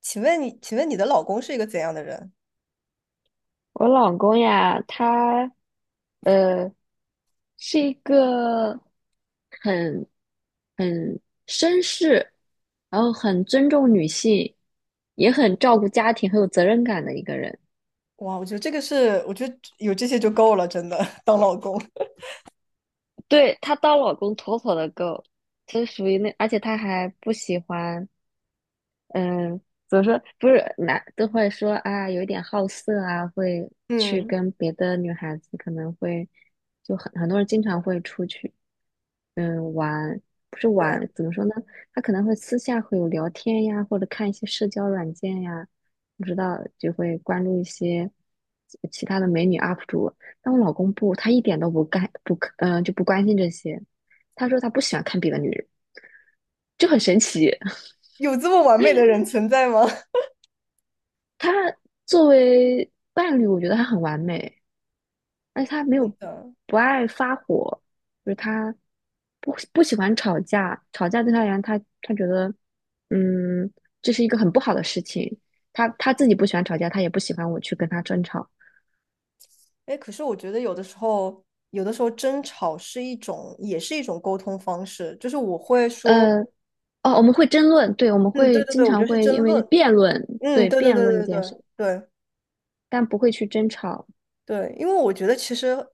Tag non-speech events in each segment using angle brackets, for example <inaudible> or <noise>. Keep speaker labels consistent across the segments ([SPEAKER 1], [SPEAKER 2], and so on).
[SPEAKER 1] 请问你，请问你的老公是一个怎样的人？
[SPEAKER 2] 我老公呀，他呃是一个很很绅士，然后很尊重女性，也很照顾家庭，很有责任感的一个人。
[SPEAKER 1] 哇，我觉得这个是，我觉得有这些就够了，真的，当老公
[SPEAKER 2] 对，他当老公妥妥的够，就是属于那，而且他还不喜欢。嗯，怎么说？不是男都会说啊，有一点好色啊，会
[SPEAKER 1] <laughs>，
[SPEAKER 2] 去
[SPEAKER 1] 嗯，
[SPEAKER 2] 跟别的女孩子可能会，就很多人经常会出去。玩，不是玩，怎么说呢？他可能会私下会有聊天呀，或者看一些社交软件呀，不知道就会关注一些其他的美女 UP 主。但我老公不，他一点都不干，不，就不关心这些。他说他不喜欢看别的女人，就很神奇。<laughs>
[SPEAKER 1] 有这么完美的人存在吗？<laughs>
[SPEAKER 2] 他作为伴侣，我觉得他很完美。而且他没
[SPEAKER 1] 真
[SPEAKER 2] 有
[SPEAKER 1] 的，
[SPEAKER 2] 不爱发火，就是他不喜欢吵架，吵架对他而言，他觉得，嗯，这是一个很不好的事情。他自己不喜欢吵架，他也不喜欢我去跟他争吵。
[SPEAKER 1] 哎，可是我觉得有的时候，有的时候争吵是一种，也是一种沟通方式，就是我会说，
[SPEAKER 2] 呃，哦，我们会争论，对，我们
[SPEAKER 1] 嗯，
[SPEAKER 2] 会
[SPEAKER 1] 对对
[SPEAKER 2] 经
[SPEAKER 1] 对，我觉
[SPEAKER 2] 常
[SPEAKER 1] 得是
[SPEAKER 2] 会因
[SPEAKER 1] 争
[SPEAKER 2] 为
[SPEAKER 1] 论，
[SPEAKER 2] 辩论，
[SPEAKER 1] 嗯，
[SPEAKER 2] 对，
[SPEAKER 1] 对对
[SPEAKER 2] 辩
[SPEAKER 1] 对
[SPEAKER 2] 论一
[SPEAKER 1] 对
[SPEAKER 2] 件
[SPEAKER 1] 对
[SPEAKER 2] 事，
[SPEAKER 1] 对。
[SPEAKER 2] 但不会去争吵。
[SPEAKER 1] 对，因为我觉得其实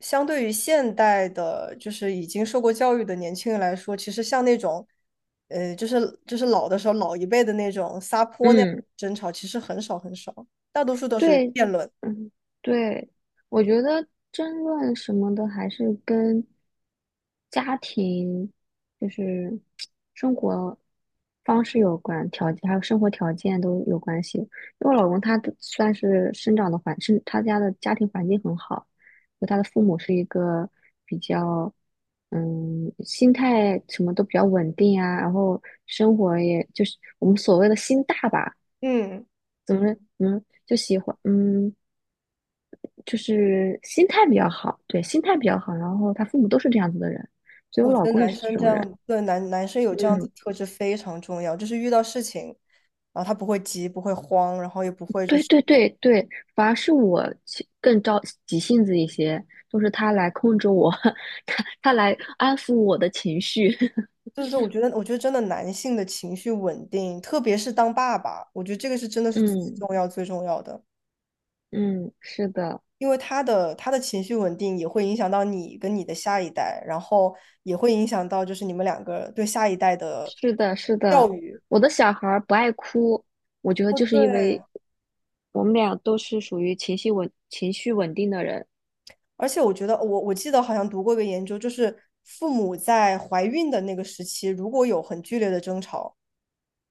[SPEAKER 1] 相对于现代的，就是已经受过教育的年轻人来说，其实像那种，就是老的时候老一辈的那种撒泼那样
[SPEAKER 2] 嗯。
[SPEAKER 1] 的争吵，其实很少很少，大多数都是
[SPEAKER 2] 对，
[SPEAKER 1] 辩论。
[SPEAKER 2] 嗯，对，我觉得争论什么的还是跟家庭，就是生活方式有关，条件还有生活条件都有关系。因为我老公他的算是生长的环，是他家的家庭环境很好，就他的父母是一个比较，心态什么都比较稳定啊，然后生活也就是我们所谓的心大吧。
[SPEAKER 1] 嗯，
[SPEAKER 2] 怎么就喜欢，就是心态比较好，对，心态比较好。然后他父母都是这样子的人，所以
[SPEAKER 1] 我
[SPEAKER 2] 我
[SPEAKER 1] 觉
[SPEAKER 2] 老
[SPEAKER 1] 得
[SPEAKER 2] 公也
[SPEAKER 1] 男
[SPEAKER 2] 是这
[SPEAKER 1] 生这
[SPEAKER 2] 种人。
[SPEAKER 1] 样，对男生有这样子
[SPEAKER 2] 嗯，
[SPEAKER 1] 特质非常重要，就是遇到事情，然后他不会急，不会慌，然后也不会就
[SPEAKER 2] 对
[SPEAKER 1] 是，
[SPEAKER 2] 对对对，反而是我更着急性子一些，都是他来控制我，<laughs> 他来安抚我的情绪。<laughs>
[SPEAKER 1] 对对，我觉得，我觉得真的男性的情绪稳定，特别是当爸爸，我觉得这个是真的是最
[SPEAKER 2] 嗯
[SPEAKER 1] 重要最重要的。
[SPEAKER 2] 嗯，是的，
[SPEAKER 1] 因为他的情绪稳定也会影响到你跟你的下一代，然后也会影响到就是你们两个对下一代的
[SPEAKER 2] 是的，是的。
[SPEAKER 1] 教育。
[SPEAKER 2] 我的小孩儿不爱哭，我觉得
[SPEAKER 1] 哦，
[SPEAKER 2] 就是
[SPEAKER 1] 对，
[SPEAKER 2] 因为我们俩都是属于情绪稳定的人。
[SPEAKER 1] 而且我觉得，我记得好像读过一个研究，就是父母在怀孕的那个时期，如果有很剧烈的争吵，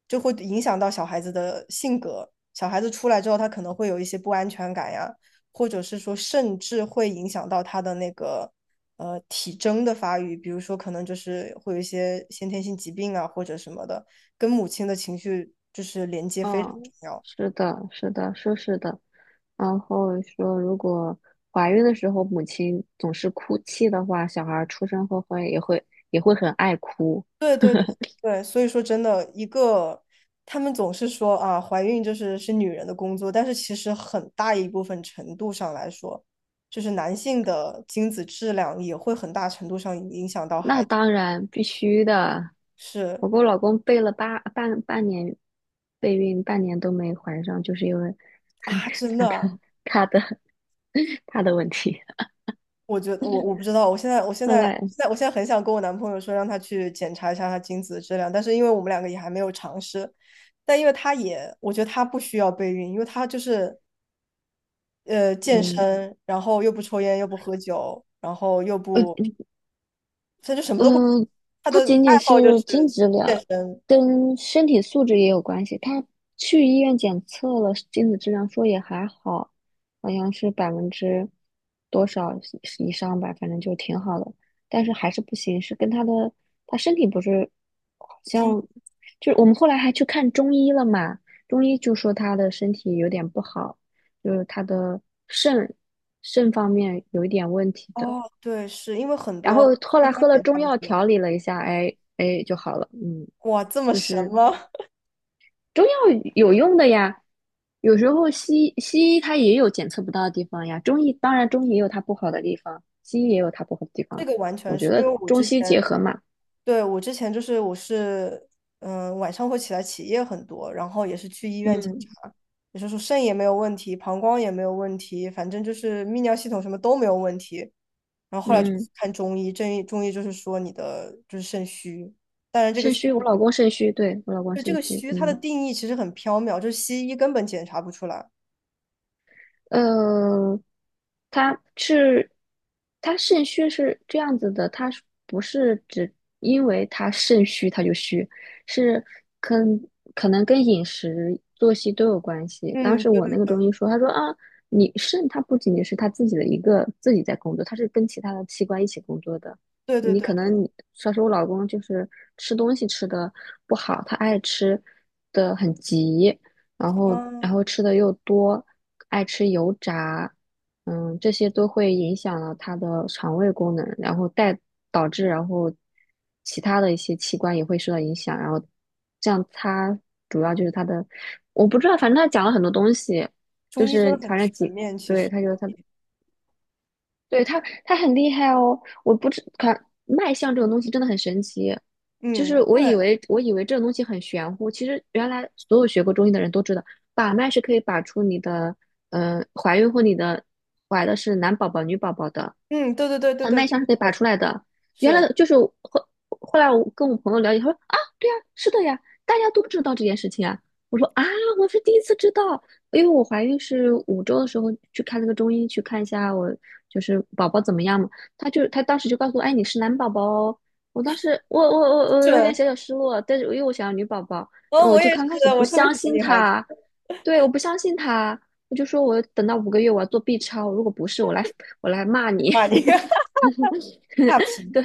[SPEAKER 1] 就会影响到小孩子的性格。小孩子出来之后，他可能会有一些不安全感呀，或者是说，甚至会影响到他的那个体征的发育，比如说可能就是会有一些先天性疾病啊或者什么的，跟母亲的情绪就是连接非常
[SPEAKER 2] 嗯，
[SPEAKER 1] 重要。
[SPEAKER 2] 是的，是的，说是的。然后说，如果怀孕的时候母亲总是哭泣的话，小孩儿出生后会也会也会很爱哭。
[SPEAKER 1] 对对对对，所以说真的，一个他们总是说啊，怀孕就是是女人的工作，但是其实很大一部分程度上来说，就是男性的精子质量也会很大程度上影响到孩
[SPEAKER 2] 那
[SPEAKER 1] 子。
[SPEAKER 2] 当然必须的。
[SPEAKER 1] 是
[SPEAKER 2] 我跟我老公备了半年备孕，半年都没怀上，就是因为
[SPEAKER 1] 啊，真的
[SPEAKER 2] <laughs> 他
[SPEAKER 1] 啊，
[SPEAKER 2] 的他的 <laughs> 他的问题。
[SPEAKER 1] 我觉得我不知道，我现在我现
[SPEAKER 2] 后
[SPEAKER 1] 在
[SPEAKER 2] 来，
[SPEAKER 1] 现在我现在很想跟我男朋友说，让他去检查一下他精子的质量，但是因为我们两个也还没有尝试，但因为他也，我觉得他不需要备孕，因为他就是健
[SPEAKER 2] 嗯。
[SPEAKER 1] 身，然后又不抽烟，又不喝酒，然后又不，他就什么都不，
[SPEAKER 2] 嗯，呃
[SPEAKER 1] 他的
[SPEAKER 2] 不仅
[SPEAKER 1] 爱
[SPEAKER 2] 仅是
[SPEAKER 1] 好就是
[SPEAKER 2] 精子质
[SPEAKER 1] 健
[SPEAKER 2] 量，
[SPEAKER 1] 身。
[SPEAKER 2] 跟身体素质也有关系。他去医院检测了精子质量，说也还好，好像是百分之多少以上吧，反正就挺好的。但是还是不行，是跟他身体不是，好
[SPEAKER 1] 一
[SPEAKER 2] 像就是我们后来还去看中医了嘛，中医就说他的身体有点不好，就是他的肾肾方面有一点问题的。
[SPEAKER 1] 哦，对，是因为很
[SPEAKER 2] 然后
[SPEAKER 1] 多
[SPEAKER 2] 后
[SPEAKER 1] 第
[SPEAKER 2] 来
[SPEAKER 1] 三
[SPEAKER 2] 喝
[SPEAKER 1] 者
[SPEAKER 2] 了
[SPEAKER 1] 查
[SPEAKER 2] 中
[SPEAKER 1] 不出
[SPEAKER 2] 药
[SPEAKER 1] 来。
[SPEAKER 2] 调理了一下，哎哎就好了。嗯，
[SPEAKER 1] 哇，这么
[SPEAKER 2] 就
[SPEAKER 1] 神
[SPEAKER 2] 是
[SPEAKER 1] 吗？
[SPEAKER 2] 中药有用的呀，有时候西医它也有检测不到的地方呀，中医当然中医也有它不好的地方，西医也有它不好的地
[SPEAKER 1] <laughs> 这
[SPEAKER 2] 方。
[SPEAKER 1] 个完
[SPEAKER 2] 我
[SPEAKER 1] 全
[SPEAKER 2] 觉
[SPEAKER 1] 是因为
[SPEAKER 2] 得
[SPEAKER 1] 我
[SPEAKER 2] 中
[SPEAKER 1] 之
[SPEAKER 2] 西结
[SPEAKER 1] 前，
[SPEAKER 2] 合嘛，
[SPEAKER 1] 对，我之前就是我是，嗯、晚上会起来起夜很多，然后也是去医院检
[SPEAKER 2] 嗯
[SPEAKER 1] 查，也就是说肾也没有问题，膀胱也没有问题，反正就是泌尿系统什么都没有问题。然后后来就
[SPEAKER 2] 嗯，
[SPEAKER 1] 去看中医，中医就是说你的就是肾虚，当然这个
[SPEAKER 2] 肾
[SPEAKER 1] 虚
[SPEAKER 2] 虚，我老公肾虚，对，我老公
[SPEAKER 1] 就这
[SPEAKER 2] 肾
[SPEAKER 1] 个
[SPEAKER 2] 虚，
[SPEAKER 1] 虚它的
[SPEAKER 2] 嗯。
[SPEAKER 1] 定义其实很缥缈，就是西医根本检查不出来。
[SPEAKER 2] 呃，他是他肾虚是这样子的，他不是只因为他肾虚他就虚，是跟可能跟饮食、作息都有关系。当
[SPEAKER 1] 嗯，
[SPEAKER 2] 时
[SPEAKER 1] 对
[SPEAKER 2] 我
[SPEAKER 1] 对
[SPEAKER 2] 那个
[SPEAKER 1] 对
[SPEAKER 2] 中医说，他说啊，你肾它不仅仅是它自己的一个自己在工作，它是跟其他的器官一起工作的。
[SPEAKER 1] 对对
[SPEAKER 2] 你
[SPEAKER 1] 对，
[SPEAKER 2] 可能你，像是我老公就是吃东西吃的不好，他爱吃的很急，然后然
[SPEAKER 1] 嗯，
[SPEAKER 2] 后吃的又多，爱吃油炸，这些都会影响了他的肠胃功能，然后导致然后其他的一些器官也会受到影响，然后这样他主要就是他的，我不知道，反正他讲了很多东西，就
[SPEAKER 1] 中医真的
[SPEAKER 2] 是
[SPEAKER 1] 很
[SPEAKER 2] 反正
[SPEAKER 1] 全
[SPEAKER 2] 几，
[SPEAKER 1] 面，其实
[SPEAKER 2] 对，他就
[SPEAKER 1] 中
[SPEAKER 2] 他
[SPEAKER 1] 医，
[SPEAKER 2] 对他，他很厉害哦。我不知看脉象这种东西真的很神奇，就
[SPEAKER 1] 嗯，
[SPEAKER 2] 是我
[SPEAKER 1] 对，
[SPEAKER 2] 以为我以为这种东西很玄乎，其实原来所有学过中医的人都知道，把脉是可以把出你的，怀孕或你的怀的是男宝宝、女宝宝的，
[SPEAKER 1] 嗯，对对对对
[SPEAKER 2] 他
[SPEAKER 1] 对，
[SPEAKER 2] 脉
[SPEAKER 1] 这
[SPEAKER 2] 象
[SPEAKER 1] 个
[SPEAKER 2] 是可以
[SPEAKER 1] 是可
[SPEAKER 2] 把
[SPEAKER 1] 以，
[SPEAKER 2] 出来的。原来
[SPEAKER 1] 是
[SPEAKER 2] 的就是我后来我跟我朋友了解，他说啊，对呀、是的呀，大家都不知道这件事情啊。我说啊，我是第一次知道。因为我怀孕是五周的时候去看那个中医，去看一下我就是宝宝怎么样嘛。他当时就告诉我，哎，你是男宝宝哦。我当时我我我我有点
[SPEAKER 1] 准，
[SPEAKER 2] 小小失落，但是因为我想要女宝宝，
[SPEAKER 1] 嗯，
[SPEAKER 2] 我
[SPEAKER 1] 我
[SPEAKER 2] 就
[SPEAKER 1] 也是，
[SPEAKER 2] 刚开始不
[SPEAKER 1] 我特别喜
[SPEAKER 2] 相
[SPEAKER 1] 欢
[SPEAKER 2] 信
[SPEAKER 1] 女孩子
[SPEAKER 2] 他，对，我不相信他，我就说我等到五个月我要做 B 超，如果不是我来骂你。<laughs>
[SPEAKER 1] 骂你，<laughs>
[SPEAKER 2] <laughs>
[SPEAKER 1] 差评，
[SPEAKER 2] 对，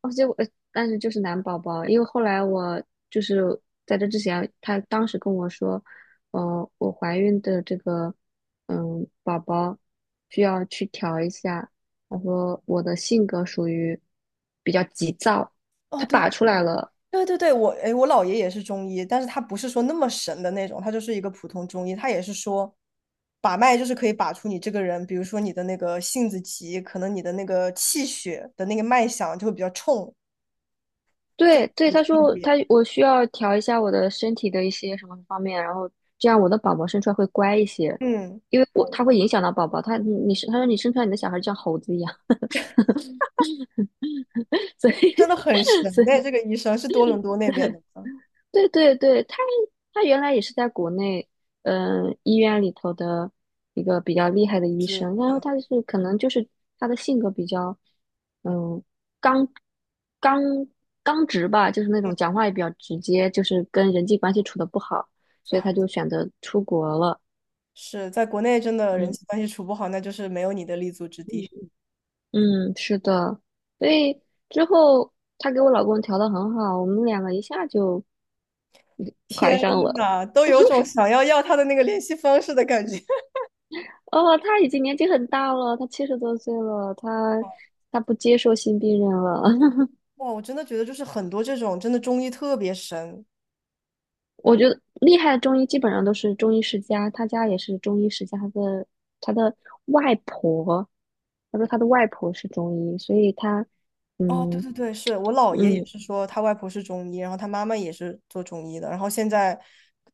[SPEAKER 2] 哦，但是就是男宝宝，因为后来我就是在这之前，他当时跟我说，我怀孕的这个宝宝需要去调一下，他说我的性格属于比较急躁，
[SPEAKER 1] 哦，
[SPEAKER 2] 他
[SPEAKER 1] 对对
[SPEAKER 2] 把出
[SPEAKER 1] 对
[SPEAKER 2] 来了。
[SPEAKER 1] 对对对，我哎，我姥爷也是中医，但是他不是说那么神的那种，他就是一个普通中医，他也是说，把脉就是可以把出你这个人，比如说你的那个性子急，可能你的那个气血的那个脉象就会比较冲，这是
[SPEAKER 2] 对对，
[SPEAKER 1] 有
[SPEAKER 2] 他
[SPEAKER 1] 区
[SPEAKER 2] 说
[SPEAKER 1] 别。
[SPEAKER 2] 我需要调一下我的身体的一些什么方面，然后这样我的宝宝生出来会乖一些，
[SPEAKER 1] 嗯，
[SPEAKER 2] 因为他会影响到宝宝，他说你生出来你的小孩就像猴子一样。所以
[SPEAKER 1] 真的
[SPEAKER 2] <laughs>
[SPEAKER 1] 很神哎，这个医生是多伦多那边的吗？
[SPEAKER 2] 对对对，他原来也是在国内，嗯，医院里头的一个比较厉害的医生，然后他是可能就是他的性格比较，嗯，刚刚刚直吧，就是那种讲话也比较直接，就是跟人际关系处的不好，所以
[SPEAKER 1] 啊，
[SPEAKER 2] 他就选择出国了。
[SPEAKER 1] 是在国内真的人
[SPEAKER 2] 嗯
[SPEAKER 1] 际关系处不好，那就是没有你的立足之地。
[SPEAKER 2] 嗯，是的，所以之后他给我老公调的很好，我们两个一下就怀
[SPEAKER 1] 天
[SPEAKER 2] 上了。
[SPEAKER 1] 呐，都有种想要要他的那个联系方式的感觉。<laughs>
[SPEAKER 2] 哦，他已经年纪很大了，他七十多岁了，他不接受新病人了。<laughs>
[SPEAKER 1] 哇，我真的觉得就是很多这种真的中医特别神，
[SPEAKER 2] 我觉得厉害的中医基本上都是中医世家，他家也是中医世家，他的外婆，他说他的外婆是中医，所以他
[SPEAKER 1] 哦，对
[SPEAKER 2] 嗯
[SPEAKER 1] 对对，是我姥爷也
[SPEAKER 2] 嗯
[SPEAKER 1] 是说他外婆是中医，然后他妈妈也是做中医的，然后现在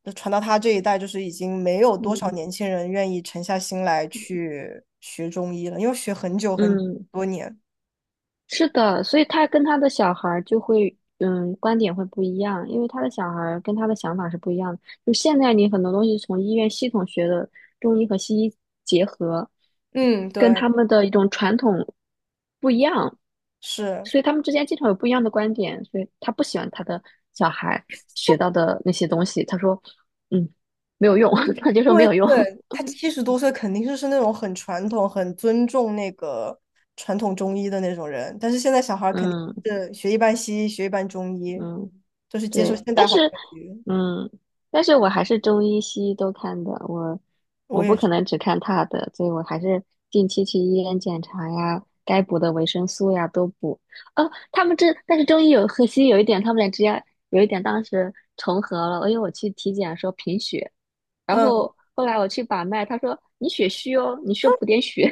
[SPEAKER 1] 传到他这一代，就是已经没有多少
[SPEAKER 2] 嗯
[SPEAKER 1] 年轻人愿意沉下心来去学中医了，因为学很久很
[SPEAKER 2] 嗯，
[SPEAKER 1] 多年。
[SPEAKER 2] 是的，所以他跟他的小孩儿就会，观点会不一样，因为他的小孩儿跟他的想法是不一样的。就现在你很多东西从医院系统学的中医和西医结合，
[SPEAKER 1] 嗯，
[SPEAKER 2] 跟
[SPEAKER 1] 对，
[SPEAKER 2] 他们的一种传统不一样，
[SPEAKER 1] 是
[SPEAKER 2] 所以他们之间经常有不一样的观点，所以他不喜欢他的小孩学到的那些东西，他说，嗯，没有用，<laughs> 他就说
[SPEAKER 1] 因
[SPEAKER 2] 没
[SPEAKER 1] 为
[SPEAKER 2] 有用，
[SPEAKER 1] 对他
[SPEAKER 2] <laughs>
[SPEAKER 1] 七十多岁肯定就是那种很传统、很尊重那个传统中医的那种人，但是现在小孩儿肯定
[SPEAKER 2] 嗯
[SPEAKER 1] 是学一半西医，学一半中医，
[SPEAKER 2] 嗯。
[SPEAKER 1] 就是接受
[SPEAKER 2] 对，
[SPEAKER 1] 现代化教育。
[SPEAKER 2] 嗯，但是我还是中医西医都看的，我
[SPEAKER 1] 我也
[SPEAKER 2] 不可
[SPEAKER 1] 是。
[SPEAKER 2] 能只看他的，所以我还是定期去医院检查呀，该补的维生素呀都补。哦，他们这，但是中医有和 <laughs> 西医有一点，他们俩之间有一点当时重合了，因为我去体检说贫血，然
[SPEAKER 1] 嗯。
[SPEAKER 2] 后后来我去把脉，他说你血虚哦，你需要补点血，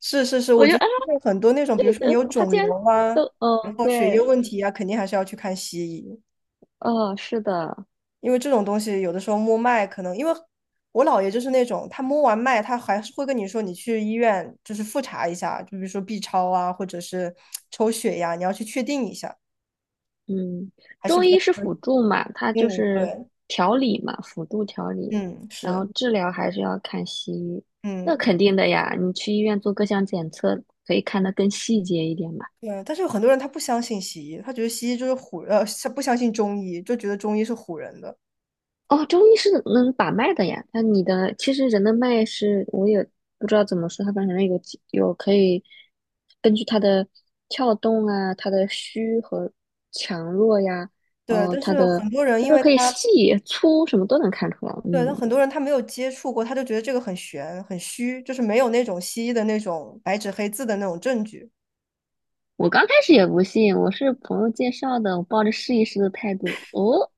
[SPEAKER 1] 是是是，
[SPEAKER 2] <laughs> 我
[SPEAKER 1] 我
[SPEAKER 2] 就
[SPEAKER 1] 觉得
[SPEAKER 2] 啊，
[SPEAKER 1] 就是很多那种，比如
[SPEAKER 2] 对
[SPEAKER 1] 说你
[SPEAKER 2] 的，
[SPEAKER 1] 有
[SPEAKER 2] 他
[SPEAKER 1] 肿
[SPEAKER 2] 竟
[SPEAKER 1] 瘤
[SPEAKER 2] 然
[SPEAKER 1] 啊，
[SPEAKER 2] 都，
[SPEAKER 1] 然
[SPEAKER 2] 哦，
[SPEAKER 1] 后血液
[SPEAKER 2] 对，
[SPEAKER 1] 问题啊，肯定还是要去看西医，
[SPEAKER 2] 哦，是的，
[SPEAKER 1] 因为这种东西有的时候摸脉可能，因为我姥爷就是那种，他摸完脉，他还是会跟你说你去医院就是复查一下，就比如说 B 超啊，或者是抽血呀、你要去确定一下，
[SPEAKER 2] 嗯，
[SPEAKER 1] 还是
[SPEAKER 2] 中
[SPEAKER 1] 比较，
[SPEAKER 2] 医是辅助嘛，它就
[SPEAKER 1] 嗯，
[SPEAKER 2] 是
[SPEAKER 1] 对，
[SPEAKER 2] 调理嘛，辅助调理，
[SPEAKER 1] 嗯，
[SPEAKER 2] 然后
[SPEAKER 1] 是，
[SPEAKER 2] 治疗还是要看西医。那
[SPEAKER 1] 嗯。
[SPEAKER 2] 肯定的呀，你去医院做各项检测，可以看得更细节一点嘛。
[SPEAKER 1] 对，但是有很多人他不相信西医，他觉得西医就是唬，他不相信中医，就觉得中医是唬人的。
[SPEAKER 2] 哦，中医是能把脉的呀，那你的其实人的脉是，我也不知道怎么说，它反正有可以根据它的跳动啊，它的虚和强弱呀，然
[SPEAKER 1] 对，
[SPEAKER 2] 后
[SPEAKER 1] 但
[SPEAKER 2] 它
[SPEAKER 1] 是
[SPEAKER 2] 的
[SPEAKER 1] 很多人
[SPEAKER 2] 就
[SPEAKER 1] 因
[SPEAKER 2] 是
[SPEAKER 1] 为
[SPEAKER 2] 可以
[SPEAKER 1] 他
[SPEAKER 2] 细粗什么都能看出来，
[SPEAKER 1] 对，那
[SPEAKER 2] 嗯。
[SPEAKER 1] 很多人他没有接触过，他就觉得这个很玄、很虚，就是没有那种西医的那种白纸黑字的那种证据，
[SPEAKER 2] 我刚开始也不信，我是朋友介绍的，我抱着试一试的态度。哦，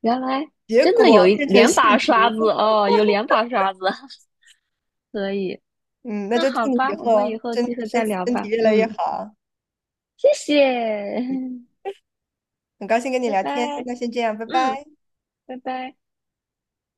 [SPEAKER 2] 原来
[SPEAKER 1] 结
[SPEAKER 2] 真的有
[SPEAKER 1] 果
[SPEAKER 2] 一
[SPEAKER 1] 变成
[SPEAKER 2] 两
[SPEAKER 1] 信
[SPEAKER 2] 把刷
[SPEAKER 1] 徒。
[SPEAKER 2] 子哦，有两把刷子，<laughs> 可以。
[SPEAKER 1] 嗯，那
[SPEAKER 2] 那
[SPEAKER 1] 就祝
[SPEAKER 2] 好
[SPEAKER 1] 你
[SPEAKER 2] 吧，
[SPEAKER 1] 以
[SPEAKER 2] 我们以
[SPEAKER 1] 后
[SPEAKER 2] 后
[SPEAKER 1] 身
[SPEAKER 2] 机会
[SPEAKER 1] 身
[SPEAKER 2] 再聊
[SPEAKER 1] 身体
[SPEAKER 2] 吧。
[SPEAKER 1] 越来越
[SPEAKER 2] 嗯，
[SPEAKER 1] 好。
[SPEAKER 2] 谢谢，
[SPEAKER 1] 很高兴跟
[SPEAKER 2] <laughs>
[SPEAKER 1] 你
[SPEAKER 2] 拜
[SPEAKER 1] 聊
[SPEAKER 2] 拜。
[SPEAKER 1] 天，那先这样，拜
[SPEAKER 2] 嗯，
[SPEAKER 1] 拜。
[SPEAKER 2] 拜拜。